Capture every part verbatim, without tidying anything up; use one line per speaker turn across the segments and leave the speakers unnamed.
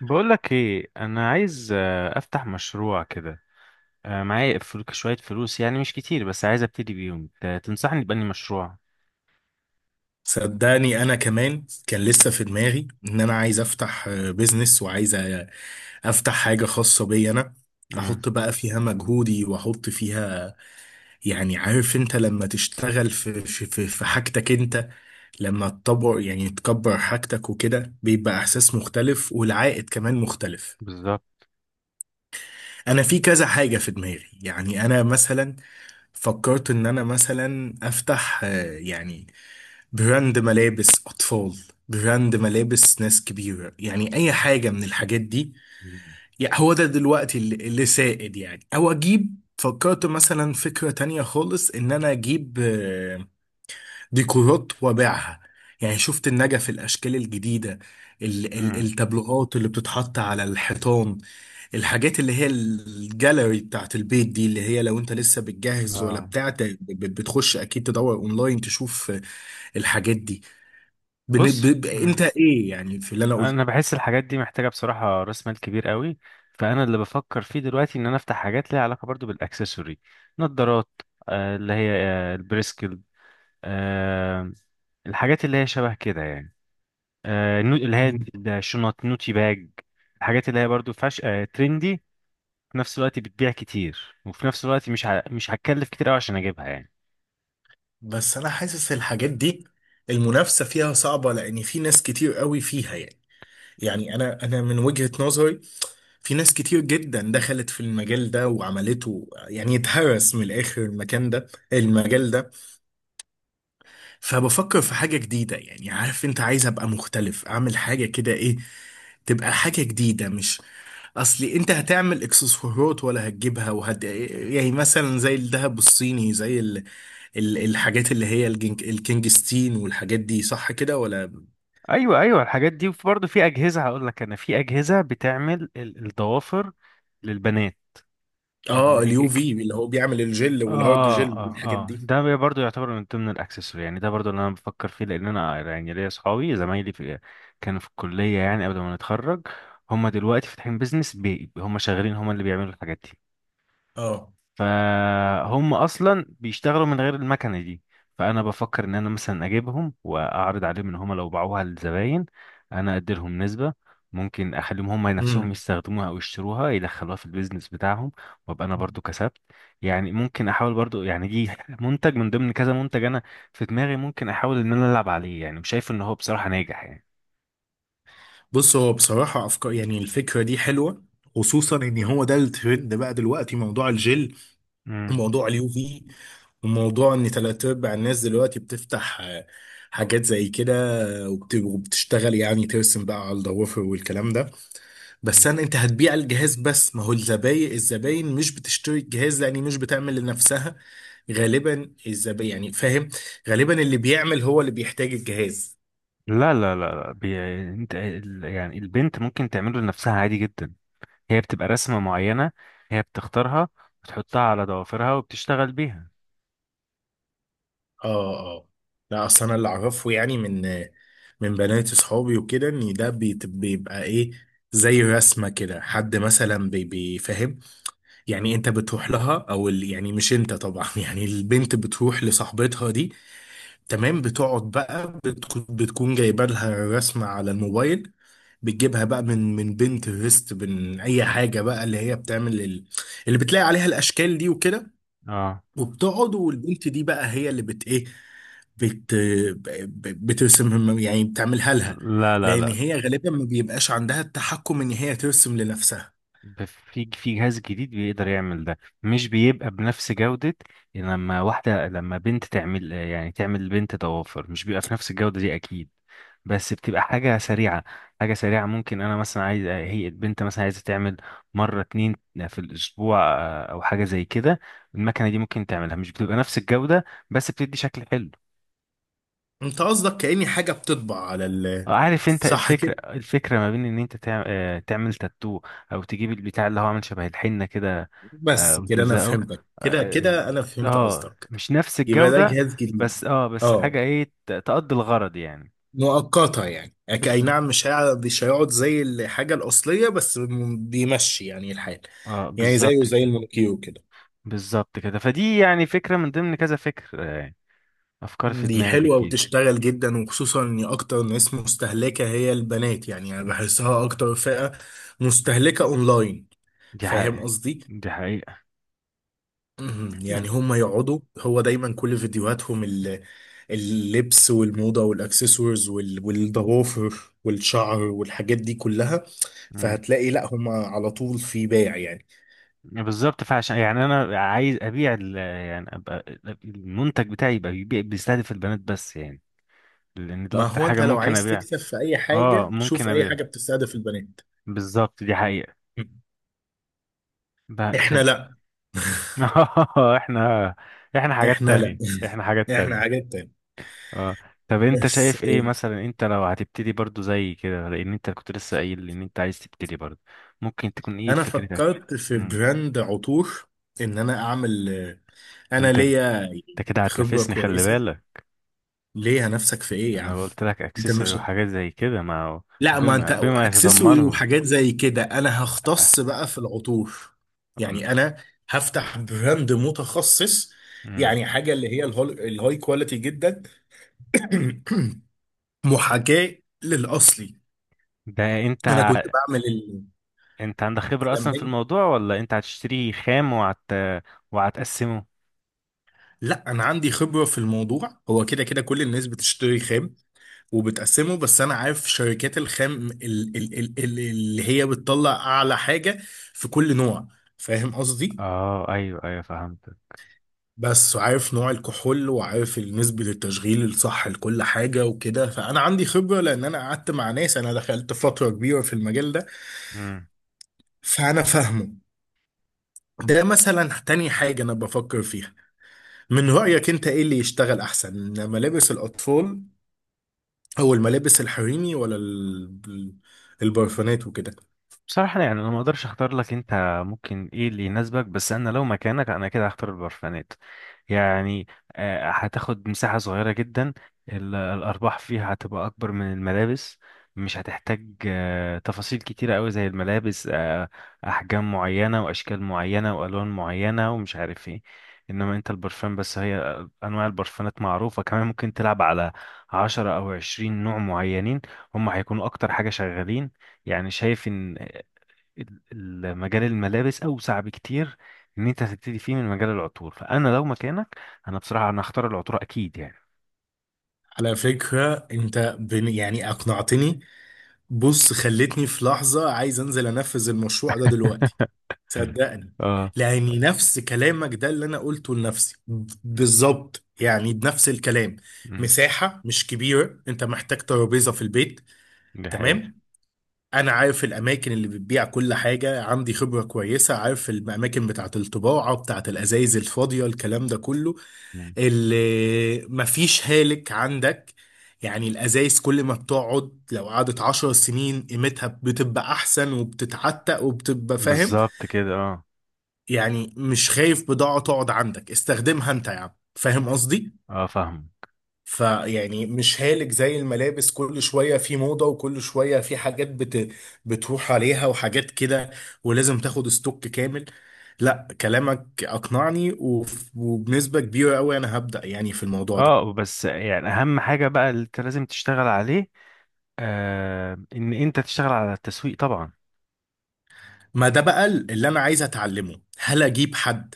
بقولك ايه، انا عايز آه، افتح مشروع كده. آه، معايا فل- شوية فلوس، يعني مش كتير، بس عايز ابتدي بيهم. ت- تنصحني بأني مشروع؟
صدقني، انا كمان كان لسه في دماغي ان انا عايز افتح آه، بيزنس، وعايز آه، افتح حاجه خاصه بي انا،
امم
احط بقى فيها مجهودي واحط فيها. يعني عارف انت، لما تشتغل في في في في حاجتك انت، لما تطور يعني تكبر حاجتك وكده، بيبقى احساس مختلف والعائد كمان مختلف.
بالظبط.
انا في كذا حاجه في دماغي، يعني انا مثلا فكرت ان انا مثلا افتح آه، يعني براند ملابس أطفال، براند ملابس ناس كبيرة، يعني أي حاجة من الحاجات دي. يعني هو ده دلوقتي اللي اللي سائد، يعني. أو أجيب، فكرت مثلا فكرة تانية خالص، إن أنا أجيب آه، ديكورات وأبيعها. يعني شفت النجف، الأشكال الجديدة، ال- ال-
امم
التابلوهات اللي بتتحط على الحيطان، الحاجات اللي هي الجاليري بتاعت البيت دي، اللي هي لو انت لسه بتجهز ولا
اه.
بتاع، ت- بتخش اكيد تدور اونلاين، تشوف آه، الحاجات دي. بن... ب...
بص.
ب... انت
امم
ايه يعني في اللي انا قلت؟
انا بحس الحاجات دي محتاجة بصراحة راس مال كبير قوي. فانا اللي بفكر فيه دلوقتي ان انا افتح حاجات ليها علاقة برضو بالاكسسوري. نظارات، آه، اللي هي آه، البريسكل، آه، الحاجات اللي هي شبه كده يعني. آه، نو- اللي هي الشنط، نوتي باج. الحاجات اللي هي برضو فاش، آه، ترندي، في نفس الوقت بتبيع كتير، وفي نفس الوقت مش ه... مش هتكلف كتير قوي عشان اجيبها يعني.
بس انا حاسس الحاجات دي المنافسة فيها صعبة، لان في ناس كتير قوي فيها يعني. يعني انا انا من وجهة نظري، في ناس كتير جدا دخلت في المجال ده وعملته، يعني اتهرس من الاخر المكان ده، المجال ده. فبفكر في حاجة جديدة، يعني عارف انت، عايز ابقى مختلف، اعمل حاجة كده، ايه، تبقى حاجة جديدة مش... اصلي انت هتعمل اكسسوارات ولا هتجيبها وهت يعني، مثلا زي الذهب الصيني، زي ال- الحاجات اللي هي الجنك الكينجستين والحاجات دي، صح كده ولا؟
ايوه ايوه، الحاجات دي. وفي برضو في اجهزه، هقول لك، انا في اجهزه بتعمل ال- الضوافر للبنات. ال...
اه، اليو
الج-
في، اللي هو بيعمل الجل والهارد
اه.
جل
اه
والحاجات
اه،
دي.
ده بي- برضو يعتبر من ضمن الاكسسوار يعني. ده برضو اللي انا بفكر فيه، لان انا يعني ليا اصحابي زمايلي في، كانوا في الكليه يعني قبل ما نتخرج. هم دلوقتي فاتحين بيزنس، بي هم شغالين، هم اللي بيعملوا الحاجات دي.
اه.
فهم اصلا بيشتغلوا من غير المكنه دي. فانا بفكر ان انا مثلا اجيبهم واعرض عليهم ان هم لو باعوها للزباين انا ادي لهم نسبه. ممكن اخليهم هم نفسهم
امم
يستخدموها او يشتروها يدخلوها في البيزنس بتاعهم، وابقى انا برضو كسبت. يعني ممكن احاول برضو، يعني دي منتج من ضمن كذا منتج انا في دماغي، ممكن احاول ان انا العب عليه يعني، وشايف ان هو بصراحه ناجح يعني.
بص، هو بصراحة أفكار، يعني الفكرة دي حلوة، خصوصا إن هو ده الترند بقى دلوقتي، موضوع الجل
مم.
وموضوع اليو في، وموضوع إن تلات أرباع الناس دلوقتي بتفتح آه، حاجات زي كده، وبت- وبتشتغل، يعني ترسم بقى على الضوافر والكلام ده.
مم.
بس انا، انت هتبيع الجهاز بس، ما هو الزباين الزباين مش بتشتري الجهاز، لان مش بتعمل لنفسها غالبا الزباين، يعني فاهم؟ غالبا اللي بيعمل هو اللي بيحتاج الجهاز.
لا لا لا لا، بي... انت ال- يعني البنت ممكن تعمله لنفسها عادي جدا. هي بتبقى رسمة معينة، هي بتختارها، بتحطها على ضوافرها وبتشتغل بيها.
اه اه. لا، اصل انا اللي اعرفه يعني، من من بنات اصحابي وكده، ان ده بيت- بيبقى ايه، زي رسمه كده، حد مثلا بي- بيفهم، يعني انت بتروح لها او ال- يعني مش انت طبعا يعني البنت بتروح لصاحبتها دي، تمام، بتقعد بقى، بتكون بتكون جايبه لها رسمه على الموبايل، بتجيبها بقى من من بنترست، من اي حاجه بقى اللي هي بتعمل ال- اللي بتلاقي عليها الاشكال دي وكده،
اه.
وبتقعد، والبنت دي بقى هي اللي بت ايه بت ب- بترسم، يعني بتعملها لها،
لا لا
لان
لا.
هي غالبا ما بيبقاش عندها التحكم ان هي ترسم لنفسها.
ب- في في جهاز جديد بيقدر يعمل ده. مش بيبقى بنفس جودة، لما واحدة، لما بنت تعمل يعني تعمل لبنت ضوافر، مش بيبقى في نفس الجودة دي أكيد. بس بتبقى حاجة سريعة. حاجة سريعة، ممكن أنا مثلا عايز، هي البنت مثلا عايزة تعمل مرة اتنين في الأسبوع، آه، أو حاجة زي كده. المكنة دي ممكن تعملها، مش بتبقى نفس الجودة بس بتدي شكل حلو.
انت قصدك كأني حاجه بتطبع على ال...
عارف انت
صح
الفكرة،
كده،
الفكرة ما بين ان انت تع- آه، تعمل تاتو، او تجيب البتاع اللي هو عامل شبه الحنة كده، آه،
بس كده انا
وتلزقه.
فهمتك، كده
اه.
كده انا
آه،
فهمت
آه،
قصدك.
مش نفس
يبقى ده
الجودة.
جهاز جديد.
بس اه، بس حاجة
اه.
ايه، ت- تقضي الغرض يعني.
مؤقتة يعني، أك- اي
بز...
نعم، مش هيقعد مش هيقعد زي الحاجة الأصلية، بس م- بيمشي يعني الحال.
اه
يعني
بالظبط
زيه زي
كده.
المونوكيو كده.
بالظبط كده. فدي يعني فكرة من ضمن كذا فكر آه، افكار في
دي
دماغي
حلوة
بتجيلي.
وتشتغل جدا، وخصوصا ان اكتر ناس مستهلكة هي البنات، يعني انا بحسها اكتر فئة مستهلكة اونلاين.
دي
فاهم
حقيقة.
قصدي؟
دي حقيقة.
مهم. يعني هم يقعدوا، هو دايما كل فيديوهاتهم ال- اللبس والموضة والاكسسوارز وال- والضوافر والشعر والحاجات دي كلها.
مم.
فهتلاقي لا، هم على طول في بيع يعني.
بالظبط. فعشان يعني انا عايز ابيع ال- يعني ابقى المنتج بتاعي يبقى بيبيع، بيستهدف البنات بس يعني. لان ده
ما
اكتر
هو
حاجه
انت لو
ممكن
عايز
ابيع.
تكسب في اي
اه
حاجة،
ممكن
شوف اي
ابيع.
حاجة بتستهدف البنات.
بالظبط، دي حقيقه.
مم.
ب-
احنا
ف...
لا
احنا، احنا حاجات
احنا لا
تانية، احنا حاجات
احنا
تانية.
حاجات تانية.
اه. طب انت
بس
شايف ايه
آه،
مثلا، انت لو هتبتدي برضو زي كده، لان انت كنت لسه قايل ان انت عايز تبتدي برضو؟ ممكن تكون ايه
انا
فكرتك؟
فكرت في
امم
براند عطور، ان انا اعمل آه، انا
انت
ليا
انت كده
خبرة
هتنافسني، خلي
كويسة.
بالك.
ليه نفسك في ايه يا عم؟
انا قلت لك
انت
اكسسوري
مش...
وحاجات زي كده. ما هو
لا، ما انت
بما بما
اكسسوري
يتضمنه،
وحاجات زي كده، انا
آه،
هختص بقى في العطور. يعني انا هفتح براند متخصص،
أمم.
يعني حاجه اللي هي الهول- الهاي كواليتي جدا. محاكاه للاصلي.
ده
انا
انت،
كنت بعمل ال-
انت عندك خبرة اصلا
زمان.
في الموضوع، ولا انت هتشتريه خام، وهت، وهتقسمه؟
لا، انا عندي خبره في الموضوع، هو كده كده كل الناس بتشتري خام وبتقسمه، بس انا عارف شركات الخام ال- ال- ال- ال- اللي هي بتطلع اعلى حاجه في كل نوع، فاهم قصدي؟
اه ايوه ايوه فهمت.
بس عارف نوع الكحول، وعارف نسبه التشغيل الصح لكل حاجه وكده، فانا عندي خبره، لان انا قعدت مع ناس، انا دخلت فتره كبيره في المجال ده، فانا فاهمه. ده مثلا تاني حاجه انا بفكر فيها. من رايك انت ايه اللي يشتغل احسن؟ ملابس الاطفال، او الملابس الحريمي، ولا ال- البرفانات وكده؟
بصراحة يعني أنا ما أقدرش أختار لك أنت، ممكن إيه اللي يناسبك. بس أنا لو مكانك أنا كده هختار البرفانات يعني. آه، هتاخد مساحة صغيرة جدا، ال- الأرباح فيها هتبقى أكبر من الملابس، مش هتحتاج آه، تفاصيل كتيرة أوي زي الملابس، آه، أحجام معينة وأشكال معينة وألوان معينة ومش عارف إيه. إنما أنت البرفان بس، هي آه، أنواع البرفانات معروفة، كمان ممكن تلعب على عشرة أو عشرين نوع معينين، هم هيكونوا أكتر حاجة شغالين. يعني شايف ان ال- ال- مجال الملابس اوسع بكتير، ان انت هتبتدي فيه من مجال العطور. فانا لو مكانك، انا بصراحه انا هختار العطور اكيد يعني.
على فكرة انت بن يعني اقنعتني. بص، خلتني في لحظة عايز انزل انفذ المشروع ده دلوقتي.
مم.
صدقني.
اه.
لاني نفس كلامك ده اللي انا قلته لنفسي ب- بالظبط، يعني بنفس الكلام.
مم.
مساحة مش كبيرة، انت محتاج ترابيزة في البيت.
دي حقيقة.
تمام، انا عارف الاماكن اللي بتبيع كل حاجة، عندي خبرة كويسة، عارف الاماكن بتاعة الطباعة، بتاعة الازايز الفاضية، الكلام ده كله،
مم.
اللي مفيش هالك عندك. يعني الأزايز كل ما بتقعد، لو قعدت عشر سنين قيمتها بتبقى أحسن، وبتتعتق، وبتبقى فاهم.
بالظبط كده اه.
يعني مش خايف بضاعة تقعد عندك، استخدمها أنت يا عم، فاهم قصدي؟
اه فاهم.
فيعني مش هالك زي الملابس، كل شوية في موضة، وكل شوية في حاجات بت... بتروح عليها وحاجات كده، ولازم تاخد ستوك كامل. لا، كلامك أقنعني، وف- وبنسبة كبيرة أوي أنا هبدأ يعني في الموضوع ده.
اه بس يعني اهم حاجة بقى اللي انت لازم تشتغل عليه، آه، ان انت تشتغل على التسويق طبعا.
ما ده بقى اللي انا عايز اتعلمه، هل اجيب حد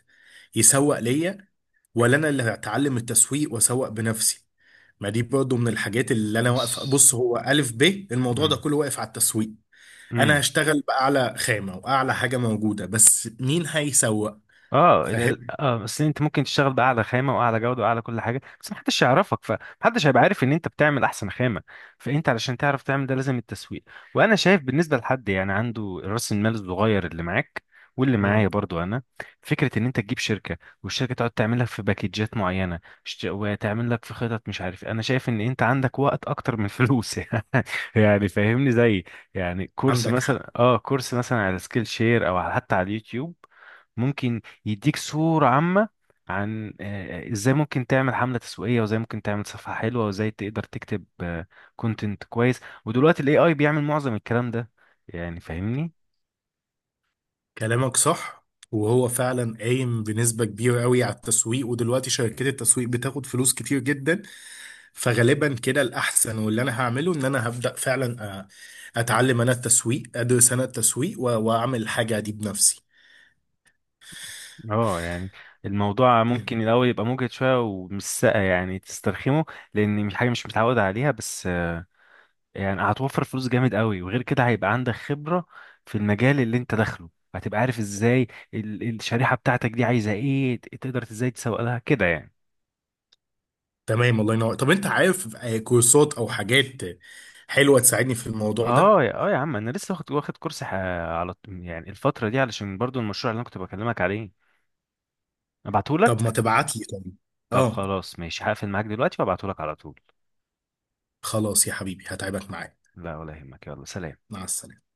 يسوق ليا، ولا انا اللي هتعلم التسويق واسوق بنفسي؟ ما دي برضه من الحاجات اللي انا واقفه.
بس
بص، هو الف ب الموضوع ده
مم.
كله واقف على التسويق، انا
مم.
هشتغل باعلى خامه واعلى حاجه موجوده، بس مين هيسوق؟
اه، ال-
فاهم؟
اه بس انت ممكن تشتغل باعلى خامه واعلى جوده واعلى كل حاجه، بس محدش يعرفك، فمحدش هيبقى عارف ان انت بتعمل احسن خامه. فانت علشان تعرف تعمل ده لازم التسويق. وانا شايف بالنسبه لحد يعني عنده راس المال الصغير اللي معاك واللي معايا
امم.
برضو انا، فكره ان انت تجيب شركه، والشركه تقعد تعمل لك في باكيجات معينه، ش- وتعمل لك في خطط، مش عارف. انا شايف ان انت عندك وقت اكتر من فلوس يعني. يعني فاهمني، زي يعني كورس
عندك حق.
مثلا. اه، كورس مثلا على سكيل شير، او على- حتى على اليوتيوب، ممكن يديك صورة عامة عن آه، ازاي ممكن تعمل حملة تسويقية، وازاي ممكن تعمل صفحة حلوة، وازاي تقدر تكتب كونتنت كويس. ودلوقتي الاي اي بيعمل معظم الكلام ده يعني، فاهمني.
كلامك صح، وهو فعلا قايم بنسبة كبيرة قوي على التسويق، ودلوقتي شركات التسويق بتاخد فلوس كتير جدا. فغالبا كده الأحسن، واللي أنا هعمله إن أنا هبدأ فعلا، أ- أتعلم أنا التسويق، أدرس أنا التسويق، و- وأعمل الحاجة دي بنفسي.
اه يعني الموضوع
مم.
ممكن الاول يبقى مجهد شوية ومش سا- يعني تسترخمه، لان مش حاجة مش متعود عليها. بس آه، يعني هتوفر فلوس جامد قوي، وغير كده هيبقى عندك خبرة في المجال اللي انت داخله. هتبقى عارف ازاي ال- الشريحة بتاعتك دي عايزة ايه، ت- تقدر ازاي تسوق لها كده يعني.
تمام، الله ينور. طب أنت عارف آه، كورسات أو حاجات حلوة تساعدني في الموضوع ده؟
اه يا، اه يا عم، انا لسه واخد واخد كورس ح- على الط- يعني الفتره دي، علشان برضو المشروع اللي انا كنت بكلمك عليه،
طب ما
ابعتهولك.
تبعت لي طب.
طب
اه.
خلاص ماشي، هقفل معاك دلوقتي وابعتهولك على طول.
خلاص يا حبيبي، هتعبك معايا.
لا ولا يهمك، يلا سلام.
مع السلامة.